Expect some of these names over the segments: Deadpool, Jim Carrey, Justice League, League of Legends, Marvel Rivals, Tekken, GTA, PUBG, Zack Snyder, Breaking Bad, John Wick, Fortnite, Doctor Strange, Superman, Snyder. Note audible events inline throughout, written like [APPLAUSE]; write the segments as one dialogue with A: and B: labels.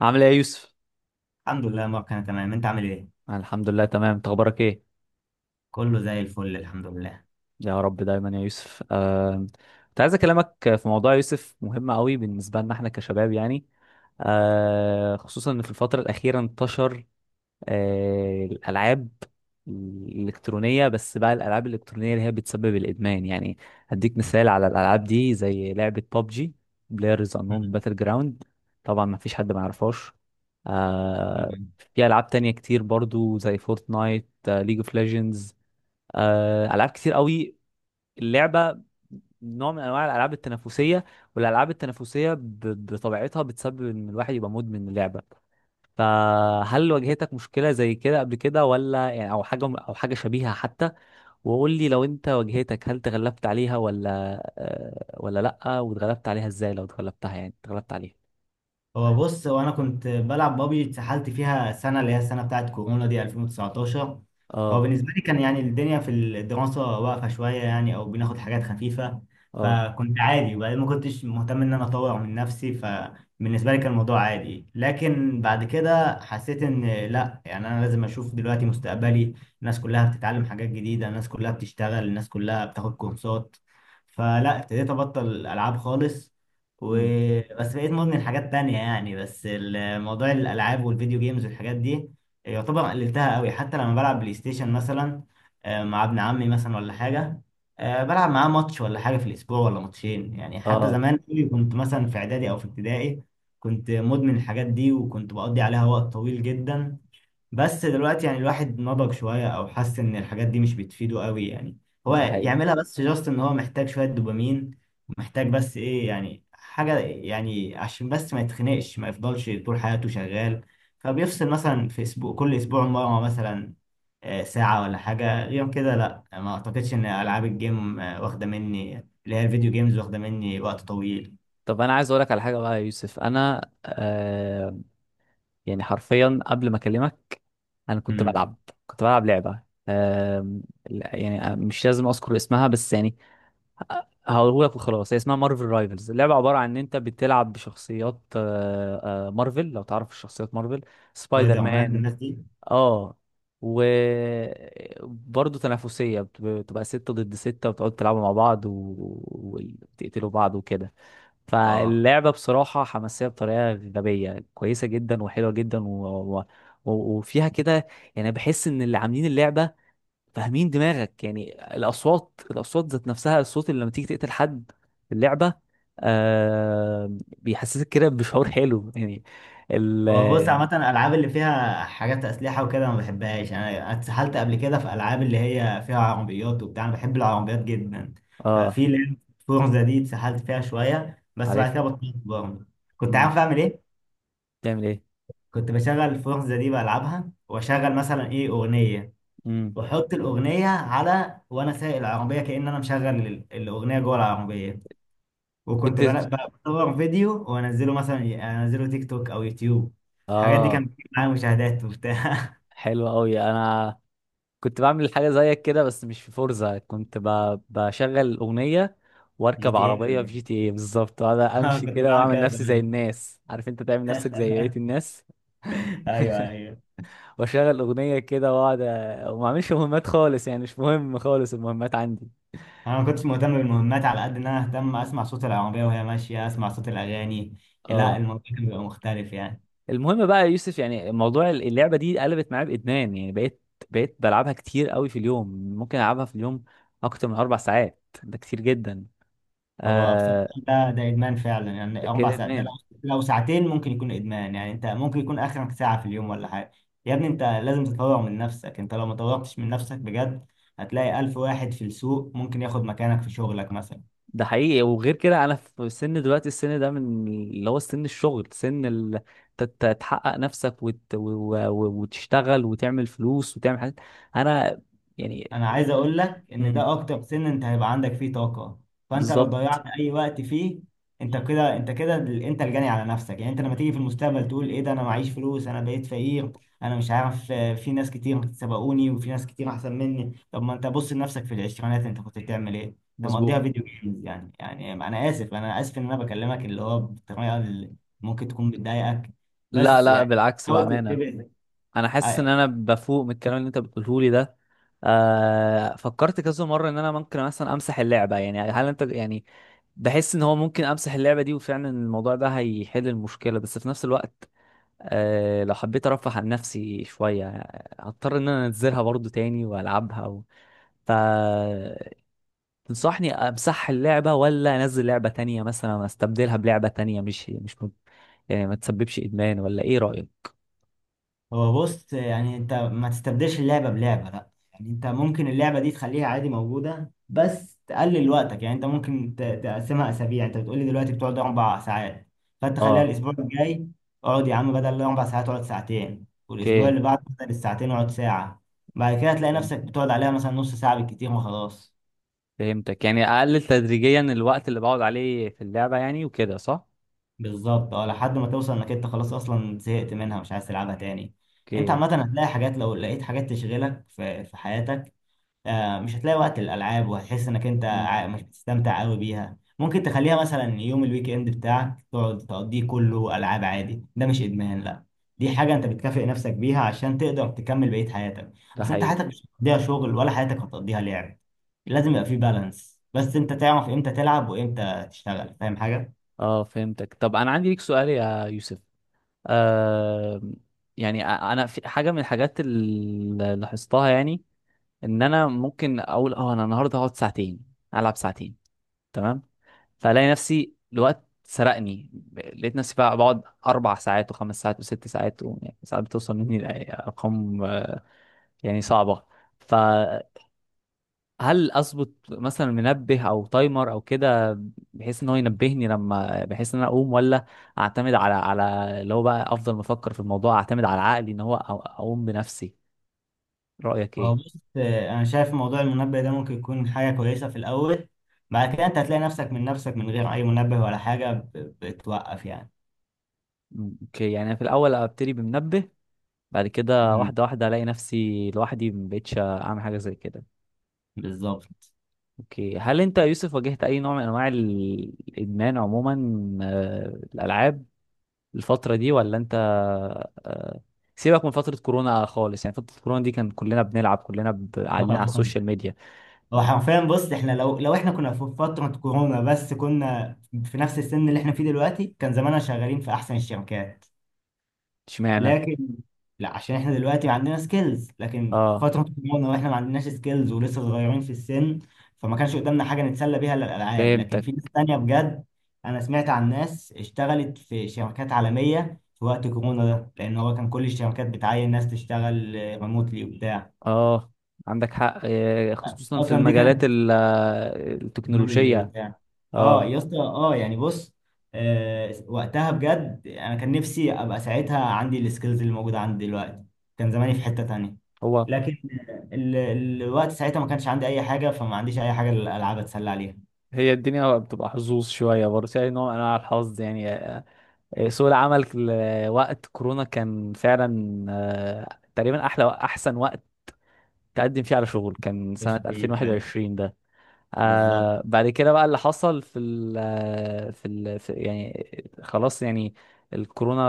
A: عامل ايه يا يوسف؟
B: الحمد لله يا مروان، انا تمام. انت عامل ايه؟
A: أنا الحمد لله تمام، انت اخبارك ايه؟
B: كله زي الفل الحمد لله.
A: يا رب دايما يا يوسف. كنت عايز اكلمك في موضوع يا يوسف مهم قوي بالنسبه لنا احنا كشباب يعني. خصوصا ان في الفتره الاخيره انتشر الالعاب الالكترونيه. بس بقى الالعاب الالكترونيه اللي هي بتسبب الادمان يعني. هديك مثال على الالعاب دي زي لعبه ببجي، بلايرز انون باتل جراوند. طبعا ما فيش حد ما يعرفهاش. آه
B: مم.
A: في العاب تانية كتير برضو زي فورتنايت، ليج اوف ليجندز، العاب كتير قوي. اللعبه نوع من انواع الالعاب التنافسيه، والالعاب التنافسيه بطبيعتها بتسبب ان الواحد يبقى مدمن اللعبه. فهل واجهتك مشكلة زي كده قبل كده، ولا يعني او حاجة او حاجة شبيهة حتى؟ وقول لي لو انت واجهتك، هل تغلبت عليها ولا ولا لأ؟ واتغلبت عليها ازاي لو اتغلبتها، يعني اتغلبت عليها؟
B: هو بص انا كنت بلعب بابجي، اتسحلت فيها سنه اللي هي السنه بتاعت كورونا دي 2019. هو
A: اه.
B: بالنسبه لي كان يعني الدنيا في الدراسه واقفه شويه يعني، او بناخد حاجات خفيفه،
A: اه.
B: فكنت عادي. وبعدين ما كنتش مهتم ان انا اطور من نفسي، فبالنسبه لي كان الموضوع عادي. لكن بعد كده حسيت ان لا، يعني انا لازم اشوف دلوقتي مستقبلي. الناس كلها بتتعلم حاجات جديده، الناس كلها بتشتغل، الناس كلها بتاخد كورسات. فلا، ابتديت ابطل العاب خالص.
A: مم.
B: وبس بقيت مدمن حاجات تانية يعني، بس الموضوع الألعاب والفيديو جيمز والحاجات دي يعتبر قللتها قوي. حتى لما بلعب بلاي ستيشن مثلا، مع ابن عمي مثلا ولا حاجة، بلعب معاه ماتش ولا حاجة في الأسبوع ولا ماتشين. يعني حتى
A: اه.
B: زمان قوي كنت مثلا في إعدادي أو في ابتدائي كنت مدمن الحاجات دي، وكنت بقضي عليها وقت طويل جدا. بس دلوقتي يعني الواحد نضج شوية، او حس ان الحاجات دي مش بتفيده قوي يعني. هو
A: ده حقيقي.
B: يعملها بس جاست ان هو محتاج شوية دوبامين، ومحتاج بس ايه، يعني حاجة يعني عشان بس ما يتخنقش، ما يفضلش طول حياته شغال. فبيفصل مثلا في اسبوع، كل اسبوع مرة مثلا، ساعة ولا حاجة غير كده. لا، ما اعتقدش ان العاب الجيم واخدة مني، اللي هي الفيديو جيمز واخدة مني وقت طويل.
A: طب انا عايز اقولك على حاجة بقى يا يوسف. انا يعني حرفيا قبل ما اكلمك، انا كنت
B: امم.
A: بلعب كنت بلعب لعبة. آم، لا، يعني مش لازم اذكر اسمها بس يعني. هقولك وخلاص، هي اسمها مارفل رايفلز. اللعبة عبارة عن ان انت بتلعب بشخصيات مارفل، لو تعرف شخصيات مارفل، سبايدر
B: سبايدر مان
A: مان.
B: الناس دي.
A: اه. وبرضه تنافسية، بتبقى 6 ضد 6، وتقعدوا تلعبوا مع بعض وتقتلوا بعض وكده.
B: اه
A: فاللعبة بصراحة حماسية بطريقة غبية كويسة جدا وحلوة جدا و... وفيها كده. يعني بحس ان اللي عاملين اللعبة فاهمين دماغك، يعني الاصوات، الاصوات ذات نفسها، الصوت اللي لما تيجي تقتل حد في اللعبه آه بيحسسك كده بشعور حلو يعني. ال
B: بص، عامة الألعاب اللي فيها حاجات أسلحة وكده ما بحبهاش. أنا اتسحلت قبل كده في ألعاب اللي هي فيها عربيات وبتاع، أنا بحب العربيات جدا.
A: اه.
B: ففي لعبة فورزا دي اتسحلت فيها شوية، بس بعد كده
A: عارفها.
B: بطلت برضه. كنت
A: امم
B: عارف أعمل إيه؟
A: بتعمل ايه؟
B: كنت بشغل فورزا دي بلعبها، وأشغل مثلا إيه أغنية،
A: امم
B: وأحط الأغنية على، وأنا سايق العربية كأن أنا مشغل الأغنية جوه العربية. وكنت
A: وكنت
B: بصور فيديو وأنزله مثلا، أنزله تيك توك أو يوتيوب. الحاجات دي
A: اه.
B: كانت بتجيب معايا مشاهدات وبتاع.
A: حلو قوي. انا كنت بعمل حاجه زيك كده بس مش في فورزا، كنت بشغل اغنيه
B: جي
A: واركب
B: تي ايه
A: عربيه
B: ولا
A: في جي
B: إيه؟
A: تي اي بالظبط،
B: [LAUGHS]
A: وانا
B: اه
A: امشي
B: كنت
A: كده
B: بعمل
A: واعمل
B: كده
A: نفسي زي
B: زمان.
A: الناس، عارف انت تعمل نفسك زي بقيه الناس.
B: [LAUGHS] ايوه ايوه.
A: واشغل اغنيه كده واقعد وما اعملش مهمات خالص، يعني مش مهم خالص المهمات عندي.
B: انا ما كنتش مهتم بالمهمات، على قد ان انا اهتم اسمع صوت العربيه وهي ماشيه، اسمع صوت الاغاني. لا
A: اه.
B: الموضوع كان بيبقى مختلف يعني.
A: المهم بقى يا يوسف، يعني موضوع اللعبه دي قلبت معايا بادمان. يعني بقيت بلعبها كتير قوي في اليوم. ممكن العبها في اليوم اكتر من 4 ساعات، ده كتير جدا.
B: هو بصراحه
A: آه
B: ده ادمان فعلا يعني.
A: ده
B: اربع
A: كده
B: ساعات ده، لو
A: ادمان.
B: لو ساعتين ممكن يكون ادمان يعني. انت ممكن يكون اخرك ساعه في اليوم ولا حاجه. يا ابني، انت لازم تطور من نفسك. انت لو ما طورتش من نفسك بجد، هتلاقي الف واحد في السوق ممكن ياخد مكانك في شغلك مثلا.
A: ده حقيقي. وغير كده انا في سن دلوقتي، السن ده من اللي هو سن الشغل، سن تحقق نفسك وتشتغل وتعمل فلوس وتعمل حاجات. انا يعني.
B: انا عايز اقول لك ان ده اكتر سن انت هيبقى عندك فيه طاقة. فانت لو ضيعت
A: بالظبط.
B: اي وقت فيه، انت كده، انت كده انت الجاني على نفسك يعني. انت لما تيجي في المستقبل تقول: ايه ده، انا معيش فلوس، انا بقيت فقير، انا مش عارف. في ناس كتير سبقوني، وفي ناس كتير احسن مني. طب ما انت بص لنفسك في العشرينات، انت كنت بتعمل ايه؟ انت مقضيها
A: مظبوط.
B: فيديو جيمز يعني. يعني انا اسف، انا اسف ان انا بكلمك اللي هو بطريقة اللي ممكن تكون بتضايقك،
A: لا
B: بس
A: لا،
B: يعني
A: بالعكس،
B: حاول
A: بأمانة.
B: تنتبه.
A: أنا حاسس إن أنا بفوق من الكلام اللي أنت بتقوله لي ده. فكرت كذا مرة إن أنا ممكن مثلا أمسح اللعبة، يعني هل أنت يعني. بحس إن هو ممكن أمسح اللعبة دي وفعلا الموضوع ده هيحل المشكلة، بس في نفس الوقت لو حبيت أرفه عن نفسي شوية، هضطر إن أنا أنزلها برضو تاني وألعبها و... تنصحني امسح اللعبة ولا انزل لعبة تانية، مثلا استبدلها بلعبة تانية مش مش يعني ما تسببش ادمان، ولا ايه رأيك؟
B: هو بص، يعني انت ما تستبدلش اللعبة بلعبة، لا يعني انت ممكن اللعبة دي تخليها عادي موجودة، بس تقلل وقتك يعني. انت ممكن تقسمها اسابيع. انت بتقولي دلوقتي بتقعد اربع ساعات، فانت خليها
A: اه.
B: الاسبوع الجاي، اقعد يا عم بدل الاربع ساعات اقعد ساعتين، والاسبوع
A: اوكي.
B: اللي بعده بدل الساعتين اقعد ساعة. بعد كده تلاقي نفسك
A: فهمتك
B: بتقعد عليها مثلا نص ساعة بالكتير وخلاص.
A: فهمتك يعني اقلل تدريجيا الوقت اللي بقعد عليه في اللعبة، يعني وكده، صح؟
B: بالظبط اه، لحد ما توصل انك انت خلاص اصلا زهقت منها، مش عايز تلعبها تاني. انت
A: اوكي.
B: عامة هتلاقي حاجات، لو لقيت حاجات تشغلك في حياتك، مش هتلاقي وقت للألعاب، وهتحس إنك أنت
A: مم.
B: مش بتستمتع قوي بيها. ممكن تخليها مثلا يوم الويك إند بتاعك تقعد تقضيه كله ألعاب عادي، ده مش إدمان لا. دي حاجة أنت بتكافئ نفسك بيها عشان تقدر تكمل بقية حياتك.
A: ده
B: أصل أنت
A: حقيقي.
B: حياتك مش هتقضيها شغل، ولا حياتك هتقضيها لعب. لازم يبقى في بالانس، بس أنت تعرف إمتى تلعب وإمتى تشتغل. فاهم حاجة؟
A: اه، فهمتك. طب انا عندي ليك سؤال يا يوسف. آه يعني انا في حاجة من الحاجات اللي لاحظتها، يعني ان انا ممكن اقول انا النهارده هقعد ساعتين، العب ساعتين، تمام. فالاقي نفسي الوقت سرقني، لقيت نفسي بقى بقعد 4 ساعات وخمس ساعات وست ساعات يعني ساعات بتوصل مني لارقام يعني صعبه. فهل اظبط مثلا منبه او تايمر او كده، بحيث ان هو ينبهني لما، بحيث ان انا اقوم، ولا اعتمد على اللي هو بقى افضل، ما افكر في الموضوع اعتمد على عقلي ان هو اقوم بنفسي؟ رايك
B: هو
A: ايه؟
B: بص، أنا شايف موضوع المنبه ده ممكن يكون حاجة كويسة في الأول. بعد كده أنت هتلاقي نفسك من نفسك من غير أي منبه ولا حاجة بتوقف
A: اوكي، يعني أنا في الاول ابتدي بمنبه، بعد كده
B: يعني.
A: واحده واحده الاقي نفسي لوحدي ما بقتش اعمل حاجه زي كده.
B: بالظبط.
A: اوكي. هل انت يا يوسف واجهت اي نوع من انواع الادمان عموما، آه، الالعاب، الفتره دي؟ ولا انت آه، سيبك من فتره كورونا خالص، يعني فتره كورونا دي كان كلنا بنلعب، كلنا قاعدين على
B: آه.
A: السوشيال
B: [LAUGHS]
A: ميديا.
B: هو حرفيا بص، احنا لو احنا كنا في فترة كورونا بس كنا في نفس السن اللي احنا فيه دلوقتي، كان زماننا شغالين في احسن الشركات.
A: اشمعنى؟
B: لكن لا، عشان احنا دلوقتي عندنا سكيلز، لكن
A: اه،
B: فترة كورونا واحنا ما عندناش سكيلز ولسه صغيرين في السن، فما كانش قدامنا حاجة نتسلى بيها الا الالعاب. لكن
A: فهمتك.
B: في ناس تانية بجد، انا سمعت عن ناس اشتغلت في شركات عالمية في وقت كورونا ده، لان هو كان كل الشركات بتعين ناس تشتغل ريموتلي وبتاع.
A: اه، عندك حق. خصوصا في
B: اصلا دي
A: المجالات
B: كانت تكنولوجي
A: التكنولوجيه.
B: وبتاع. اه
A: اه.
B: يا اسطى، اه يعني بص، آه وقتها بجد انا كان نفسي ابقى ساعتها عندي السكيلز اللي موجوده عندي دلوقتي، كان زماني في حته تانية.
A: هو
B: لكن ال... الوقت ساعتها ما كانش عندي اي حاجه، فما عنديش اي حاجه الالعاب اتسلى عليها.
A: هي الدنيا بتبقى حظوظ شويه برضه في اي نوع من انواع الحظ يعني. سوق العمل وقت كورونا كان فعلا تقريبا احلى، احسن وقت تقدم فيه على شغل، كان سنة
B: مش فيه فعلا.
A: 2021 ده.
B: بالظبط.
A: بعد كده بقى اللي حصل في ال آه، في ال في يعني، خلاص يعني. الكورونا،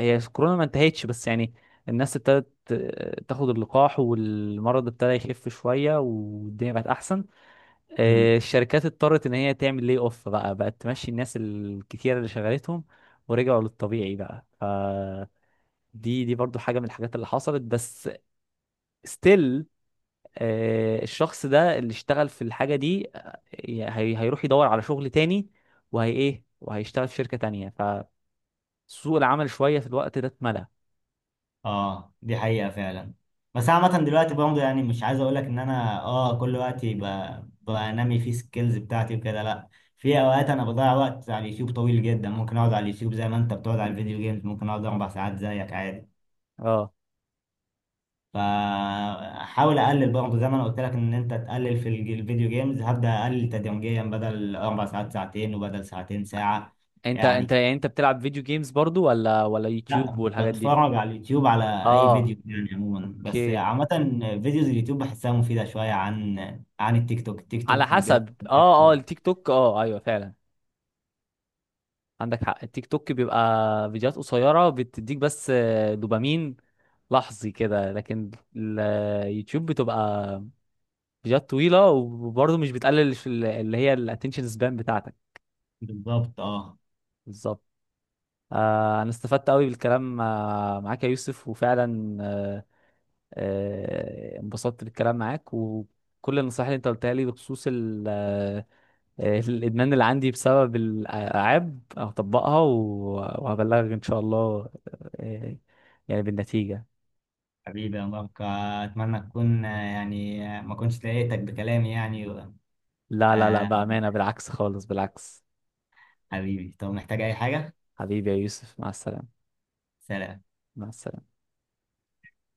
A: هي الكورونا ما انتهتش بس يعني. الناس ابتدت تاخد اللقاح، والمرض ابتدى يخف شوية، والدنيا بقت أحسن.
B: مم.
A: الشركات اضطرت ان هي تعمل لي اوف بقى، بقت تمشي الناس الكتير اللي شغلتهم، ورجعوا للطبيعي بقى. فدي دي دي برضو حاجة من الحاجات اللي حصلت. بس ستيل الشخص ده اللي اشتغل في الحاجة دي هيروح يدور على شغل تاني، وهي ايه، وهيشتغل في شركة تانية. فسوق العمل شوية في الوقت ده اتملى.
B: اه دي حقيقة فعلا. بس عامة دلوقتي برضه، يعني مش عايز اقول لك ان انا اه كل وقت بقى بنمي فيه سكيلز بتاعتي وكده، لا. في اوقات انا بضيع وقت على اليوتيوب طويل جدا، ممكن اقعد على اليوتيوب زي ما انت بتقعد على الفيديو جيمز، ممكن اقعد اربع ساعات زيك عادي.
A: اه.
B: فحاول اقلل برضه زي ما انا قلت لك ان انت تقلل في الفيديو جيمز، هبدأ اقلل تدريجيا، بدل اربع ساعات ساعتين، وبدل ساعتين ساعة
A: انت
B: يعني.
A: انت يعني انت بتلعب فيديو جيمز برضو، ولا يوتيوب
B: لا،
A: والحاجات دي؟
B: بتفرج على اليوتيوب على اي
A: اه.
B: فيديو يعني عموما، بس
A: اوكي.
B: عامة فيديوز اليوتيوب بحسها مفيدة شوية عن عن التيك توك. التيك
A: على
B: توك فيديوهات.
A: حسب. اه التيك توك، ايوه فعلا، عندك حق. التيك توك بيبقى فيديوهات قصيرة بتديك بس دوبامين لحظي كده. لكن اليوتيوب بتبقى فيديوهات طويلة، وبرضه مش بتقلل اللي هي الاتنشن سبان بتاعتك.
B: بالظبط اه.
A: بالظبط. انا استفدت قوي بالكلام معاك يا يوسف، وفعلا انبسطت بالكلام معاك، وكل النصائح اللي انت قلتها لي بخصوص الادمان اللي عندي بسبب الالعاب هطبقها وهبلغك ان شاء الله. آه، يعني بالنتيجة.
B: حبيبي يا مبارك، اتمنى تكون يعني ما كنتش ضايقتك بكلامي يعني.
A: لا لا لا،
B: آه
A: بأمانة، بالعكس خالص، بالعكس.
B: حبيبي، طب محتاج اي حاجة؟
A: حبيبي يا يوسف، مع السلامة.
B: سلام.
A: مع السلامة.